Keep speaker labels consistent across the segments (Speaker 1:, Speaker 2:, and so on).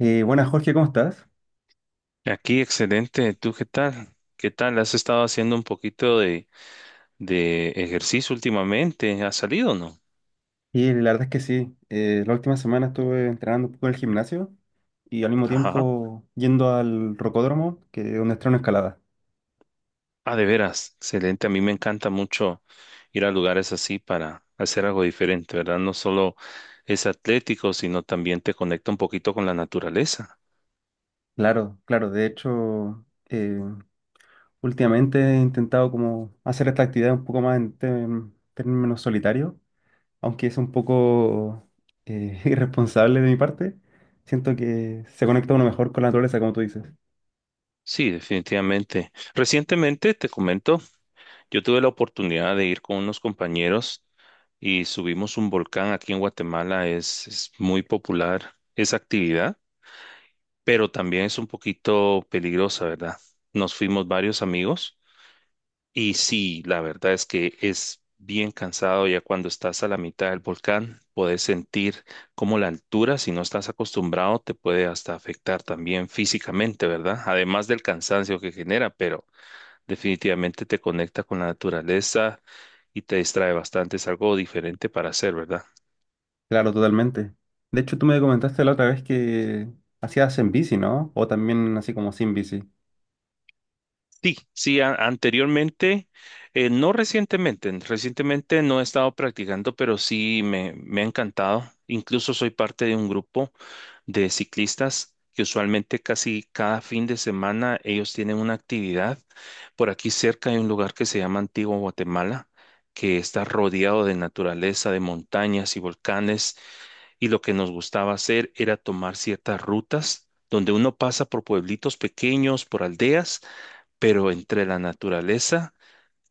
Speaker 1: Buenas, Jorge, ¿cómo estás?
Speaker 2: Aquí, excelente. ¿Tú qué tal? ¿Qué tal? ¿Has estado haciendo un poquito de ejercicio últimamente? ¿Has salido o no?
Speaker 1: Y la verdad es que sí, la última semana estuve entrenando un poco en el gimnasio y al mismo
Speaker 2: Ajá.
Speaker 1: tiempo yendo al rocódromo, que es donde estreno escalada.
Speaker 2: Ah, de veras. Excelente. A mí me encanta mucho ir a lugares así para hacer algo diferente, ¿verdad? No solo es atlético, sino también te conecta un poquito con la naturaleza.
Speaker 1: Claro, claro, de hecho, últimamente he intentado como hacer esta actividad un poco más en términos solitarios, aunque es un poco irresponsable de mi parte. Siento que se conecta uno mejor con la naturaleza, como tú dices.
Speaker 2: Sí, definitivamente. Recientemente, te comento, yo tuve la oportunidad de ir con unos compañeros y subimos un volcán aquí en Guatemala. Es muy popular esa actividad, pero también es un poquito peligrosa, ¿verdad? Nos fuimos varios amigos y sí, la verdad es que es bien cansado. Ya cuando estás a la mitad del volcán, puedes sentir como la altura, si no estás acostumbrado, te puede hasta afectar también físicamente, ¿verdad? Además del cansancio que genera, pero definitivamente te conecta con la naturaleza y te distrae bastante, es algo diferente para hacer, ¿verdad?
Speaker 1: Claro, totalmente. De hecho, tú me comentaste la otra vez que hacías en bici, ¿no? O también así como sin bici.
Speaker 2: Sí, sí, anteriormente, no recientemente, recientemente no he estado practicando, pero sí me ha encantado. Incluso soy parte de un grupo de ciclistas que usualmente casi cada fin de semana ellos tienen una actividad. Por aquí cerca hay un lugar que se llama Antigua Guatemala, que está rodeado de naturaleza, de montañas y volcanes, y lo que nos gustaba hacer era tomar ciertas rutas donde uno pasa por pueblitos pequeños, por aldeas, pero entre la naturaleza,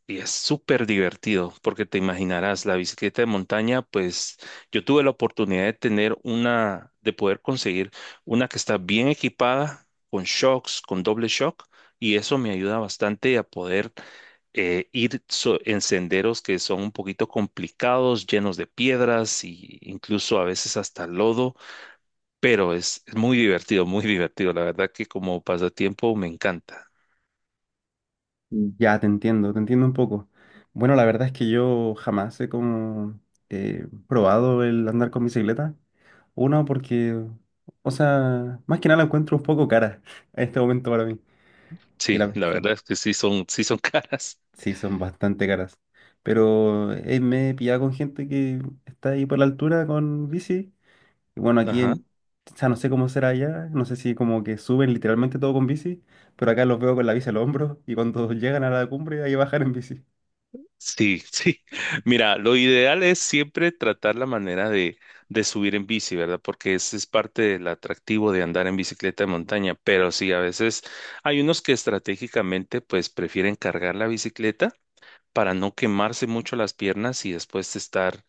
Speaker 2: y es súper divertido porque te imaginarás la bicicleta de montaña. Pues yo tuve la oportunidad de tener una, de poder conseguir una que está bien equipada con shocks, con doble shock, y eso me ayuda bastante a poder ir en senderos que son un poquito complicados, llenos de piedras e incluso a veces hasta lodo, pero es muy divertido, muy divertido. La verdad que como pasatiempo me encanta.
Speaker 1: Mm, ya, te entiendo un poco. Bueno, la verdad es que yo jamás he como probado el andar con bicicleta. Uno, porque, o sea, más que nada la encuentro un poco cara en este momento para mí. Sí,
Speaker 2: Sí,
Speaker 1: la,
Speaker 2: la
Speaker 1: son,
Speaker 2: verdad es que sí son caras.
Speaker 1: sí, son bastante caras. Pero me he pillado con gente que está ahí por la altura con bici. Y bueno, aquí
Speaker 2: Ajá.
Speaker 1: en, o sea, no sé cómo será allá, no sé si como que suben literalmente todo con bici, pero acá los veo con la bici al hombro y cuando llegan a la cumbre hay que bajar en bici.
Speaker 2: Sí, sí. Mira, lo ideal es siempre tratar la manera de subir en bici, ¿verdad? Porque ese es parte del atractivo de andar en bicicleta de montaña. Pero sí, a veces hay unos que estratégicamente pues prefieren cargar la bicicleta para no quemarse mucho las piernas y después estar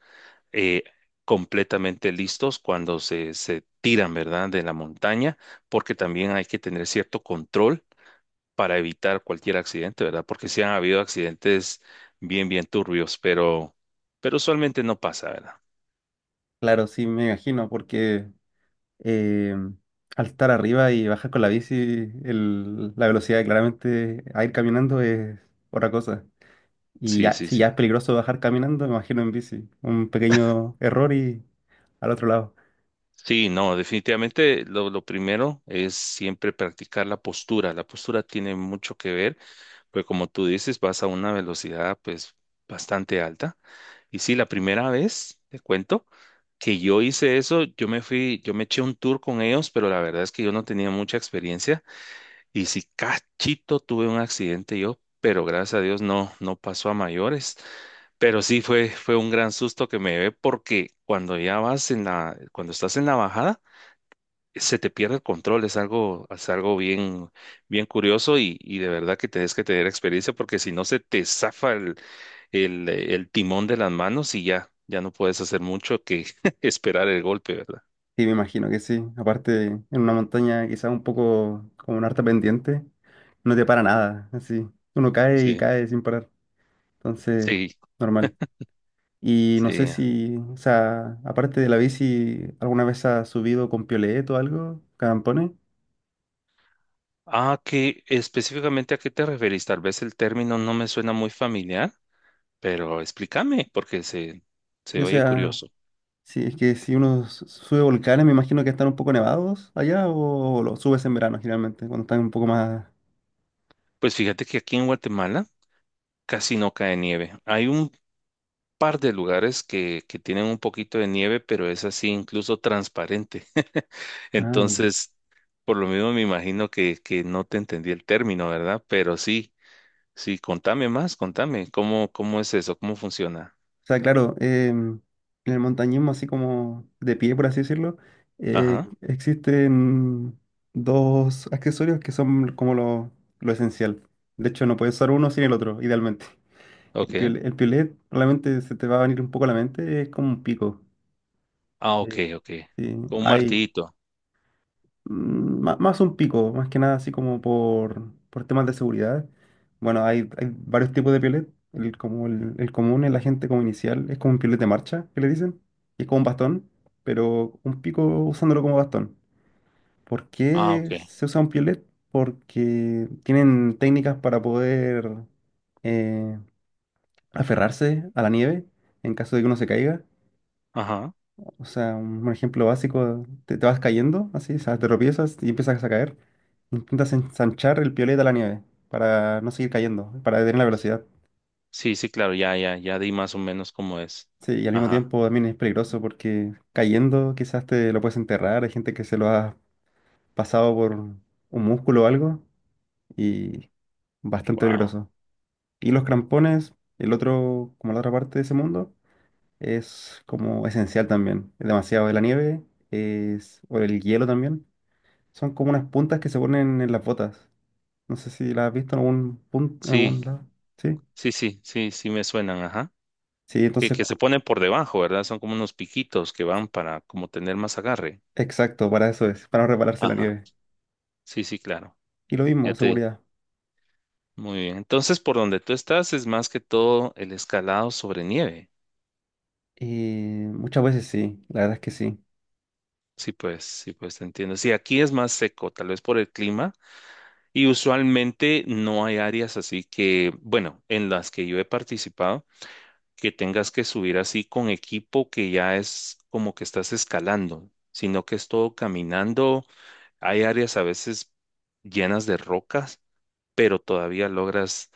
Speaker 2: eh, completamente listos cuando se tiran, ¿verdad? De la montaña, porque también hay que tener cierto control para evitar cualquier accidente, ¿verdad? Porque sí han habido accidentes bien, bien turbios, pero usualmente no pasa, ¿verdad?
Speaker 1: Claro, sí, me imagino, porque eh, al estar arriba y bajar con la bici, la velocidad claramente a ir caminando es otra cosa. Y
Speaker 2: Sí,
Speaker 1: ya,
Speaker 2: sí,
Speaker 1: si
Speaker 2: sí.
Speaker 1: ya es peligroso bajar caminando, me imagino en bici. Un pequeño error y al otro lado.
Speaker 2: Sí, no, definitivamente lo primero es siempre practicar la postura. La postura tiene mucho que ver, pues como tú dices, vas a una velocidad pues bastante alta. Y sí, la primera vez, te cuento, que yo hice eso, yo me fui, yo me eché un tour con ellos, pero la verdad es que yo no tenía mucha experiencia. Y si cachito tuve un accidente yo, pero gracias a Dios no, no pasó a mayores. Pero sí fue un gran susto que me llevé porque cuando ya vas en la, cuando estás en la bajada, se te pierde el control. Es algo bien, bien curioso, y de verdad que tenés que tener experiencia porque si no se te zafa el timón de las manos y ya, ya no puedes hacer mucho que esperar el golpe, ¿verdad?
Speaker 1: Sí, me imagino que sí. Aparte, en una montaña quizás un poco como una harta pendiente, no te para nada, así. Uno cae y
Speaker 2: Sí,
Speaker 1: cae sin parar. Entonces,
Speaker 2: sí,
Speaker 1: normal. Y no sé
Speaker 2: sí.
Speaker 1: si, o sea, aparte de la bici, ¿alguna vez has subido con piolet o algo? ¿Campones?
Speaker 2: Ah, ¿qué específicamente a qué te referís? Tal vez el término no me suena muy familiar, pero explícame porque
Speaker 1: Sí,
Speaker 2: se
Speaker 1: o
Speaker 2: oye
Speaker 1: sea,
Speaker 2: curioso.
Speaker 1: sí, es que si uno sube volcanes, me imagino que están un poco nevados allá o lo subes en verano generalmente, cuando están un poco más.
Speaker 2: Pues fíjate que aquí en Guatemala casi no cae nieve. Hay un par de lugares que tienen un poquito de nieve, pero es así incluso transparente.
Speaker 1: Ah, ya.
Speaker 2: Entonces, por lo mismo me imagino que no te entendí el término, ¿verdad? Pero sí, sí, contame más, contame, ¿cómo, cómo es eso? ¿Cómo funciona?
Speaker 1: O sea, claro, en el montañismo, así como de pie, por así decirlo,
Speaker 2: Ajá,
Speaker 1: existen dos accesorios que son como lo esencial. De hecho, no puedes usar uno sin el otro, idealmente.
Speaker 2: ok.
Speaker 1: El piolet, probablemente se te va a venir un poco a la mente, es como un pico.
Speaker 2: Ah, ok,
Speaker 1: Eh,
Speaker 2: ok.
Speaker 1: sí,
Speaker 2: Con un
Speaker 1: hay.
Speaker 2: martillito.
Speaker 1: Mm, más un pico, más que nada así como por temas de seguridad. Bueno, hay varios tipos de piolet. El, como el común, el agente como inicial, es como un piolet de marcha, que le dicen. Y es como un bastón, pero un pico usándolo como bastón. ¿Por
Speaker 2: Ah,
Speaker 1: qué
Speaker 2: ok.
Speaker 1: se usa un piolet? Porque tienen técnicas para poder eh, aferrarse a la nieve en caso de que uno se caiga.
Speaker 2: Ajá.
Speaker 1: O sea, un ejemplo básico, te vas cayendo así, o sea, te tropiezas y empiezas a caer. Intentas ensanchar el piolet a la nieve para no seguir cayendo, para detener la velocidad.
Speaker 2: Sí, sí, claro, ya, ya, ya di más o menos cómo es.
Speaker 1: Sí, y al mismo
Speaker 2: Ajá.
Speaker 1: tiempo también es peligroso porque cayendo quizás te lo puedes enterrar. Hay gente que se lo ha pasado por un músculo o algo y bastante
Speaker 2: Wow.
Speaker 1: peligroso. Y los crampones, el otro, como la otra parte de ese mundo, es como esencial también. Es demasiado de la nieve, es, o el hielo también. Son como unas puntas que se ponen en las botas. No sé si las has visto en algún punto, en algún
Speaker 2: Sí,
Speaker 1: lado. Sí.
Speaker 2: sí, sí, sí, sí me suenan, ajá.
Speaker 1: Sí, entonces,
Speaker 2: Que se ponen por debajo, ¿verdad? Son como unos piquitos que van para como tener más agarre.
Speaker 1: exacto, para eso es, para no repararse la
Speaker 2: Ajá.
Speaker 1: nieve.
Speaker 2: Sí, sí, claro.
Speaker 1: Y lo mismo,
Speaker 2: Ya te.
Speaker 1: seguridad.
Speaker 2: Muy bien. Entonces, por donde tú estás es más que todo el escalado sobre nieve.
Speaker 1: Muchas veces sí, la verdad es que sí.
Speaker 2: Sí, pues te entiendo. Sí, aquí es más seco, tal vez por el clima. Y usualmente no hay áreas así que, bueno, en las que yo he participado, que tengas que subir así con equipo que ya es como que estás escalando, sino que es todo caminando. Hay áreas a veces llenas de rocas, pero todavía logras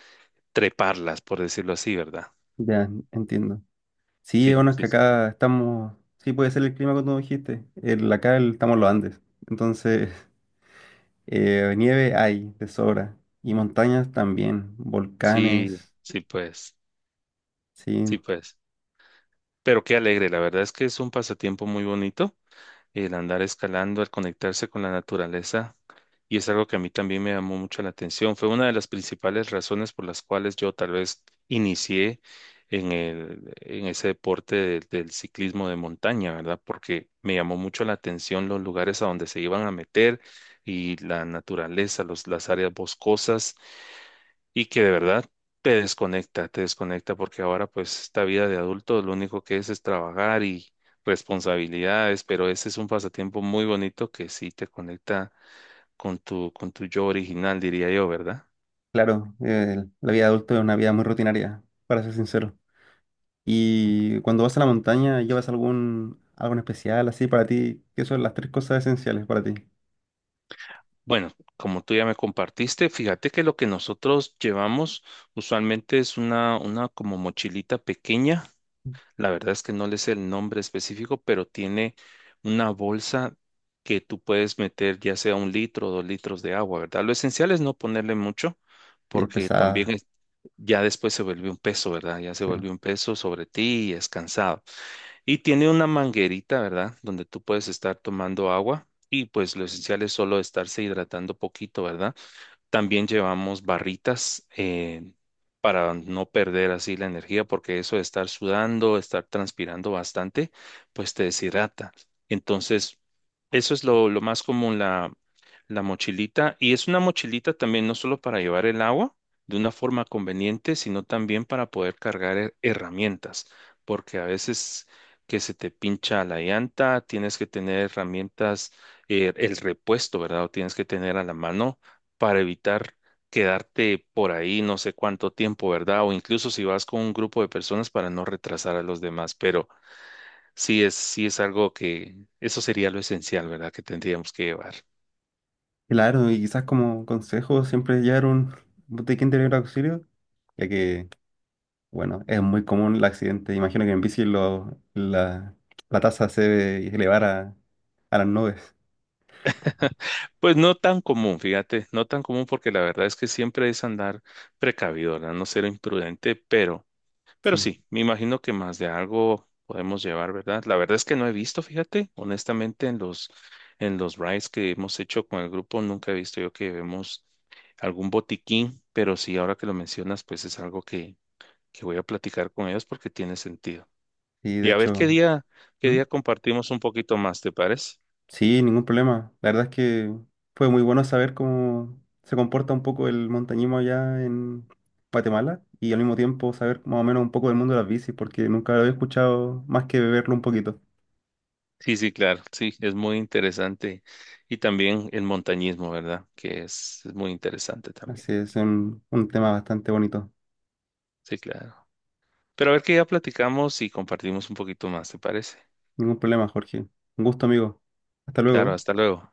Speaker 2: treparlas, por decirlo así, ¿verdad?
Speaker 1: Ya, entiendo. Sí,
Speaker 2: Sí,
Speaker 1: bueno, es
Speaker 2: sí,
Speaker 1: que
Speaker 2: sí,
Speaker 1: acá estamos. Sí, puede ser el clima que tú dijiste. El, acá estamos en los Andes. Entonces, nieve hay, de sobra. Y montañas también,
Speaker 2: sí,
Speaker 1: volcanes.
Speaker 2: sí, pues, sí,
Speaker 1: Sí,
Speaker 2: pues. Pero qué alegre, la verdad es que es un pasatiempo muy bonito el andar escalando, el conectarse con la naturaleza. Y es algo que a mí también me llamó mucho la atención. Fue una de las principales razones por las cuales yo tal vez inicié en el, en ese deporte del ciclismo de montaña, ¿verdad? Porque me llamó mucho la atención los lugares a donde se iban a meter y la naturaleza, los, las áreas boscosas, y que de verdad te desconecta porque ahora pues esta vida de adulto lo único que es trabajar y responsabilidades, pero ese es un pasatiempo muy bonito que sí te conecta con con tu yo original, diría yo, ¿verdad?
Speaker 1: claro, la vida adulta es una vida muy rutinaria, para ser sincero. Y cuando vas a la montaña, ¿llevas algún, algo en especial así para ti? ¿Qué son las tres cosas esenciales para ti?
Speaker 2: Bueno, como tú ya me compartiste, fíjate que lo que nosotros llevamos usualmente es una como mochilita pequeña. La verdad es que no le sé el nombre específico, pero tiene una bolsa que tú puedes meter ya sea un litro o dos litros de agua, ¿verdad? Lo esencial es no ponerle mucho
Speaker 1: Y es
Speaker 2: porque también
Speaker 1: pesada,
Speaker 2: ya después se vuelve un peso, ¿verdad? Ya se
Speaker 1: sí.
Speaker 2: vuelve un peso sobre ti y es cansado. Y tiene una manguerita, ¿verdad? Donde tú puedes estar tomando agua, y pues lo esencial es solo estarse hidratando poquito, ¿verdad? También llevamos barritas, para no perder así la energía, porque eso de estar sudando, estar transpirando bastante, pues te deshidrata. Entonces, eso es lo más común, la mochilita. Y es una mochilita también no solo para llevar el agua de una forma conveniente, sino también para poder cargar herramientas, porque a veces que se te pincha la llanta, tienes que tener herramientas, el repuesto, ¿verdad? O tienes que tener a la mano para evitar quedarte por ahí no sé cuánto tiempo, ¿verdad? O incluso si vas con un grupo de personas para no retrasar a los demás, pero sí sí es algo que, eso sería lo esencial, ¿verdad? Que tendríamos que llevar.
Speaker 1: Claro, y quizás como consejo, siempre llevar un botiquín de primer auxilio, ya que, bueno, es muy común el accidente. Imagino que en bici la, la tasa se debe elevar a las nubes.
Speaker 2: Pues no tan común, fíjate, no tan común porque la verdad es que siempre es andar precavido, ¿verdad? No ser imprudente, pero... Pero
Speaker 1: Sí,
Speaker 2: sí, me imagino que más de algo podemos llevar, ¿verdad? La verdad es que no he visto, fíjate, honestamente, en los rides que hemos hecho con el grupo, nunca he visto yo que vemos algún botiquín, pero sí, ahora que lo mencionas, pues es algo que voy a platicar con ellos porque tiene sentido.
Speaker 1: y de
Speaker 2: Y a ver
Speaker 1: hecho.
Speaker 2: qué
Speaker 1: ¿Mm?
Speaker 2: día compartimos un poquito más, ¿te parece?
Speaker 1: Sí, ningún problema. La verdad es que fue muy bueno saber cómo se comporta un poco el montañismo allá en Guatemala y al mismo tiempo saber más o menos un poco del mundo de las bicis, porque nunca lo había escuchado más que beberlo un poquito.
Speaker 2: Sí, sí, claro, sí, es muy interesante. Y también el montañismo, ¿verdad? Que es muy interesante también.
Speaker 1: Así es un tema bastante bonito.
Speaker 2: Sí, claro. Pero a ver que ya platicamos y compartimos un poquito más, ¿te parece?
Speaker 1: Ningún problema, Jorge. Un gusto, amigo. Hasta
Speaker 2: Claro,
Speaker 1: luego.
Speaker 2: hasta luego.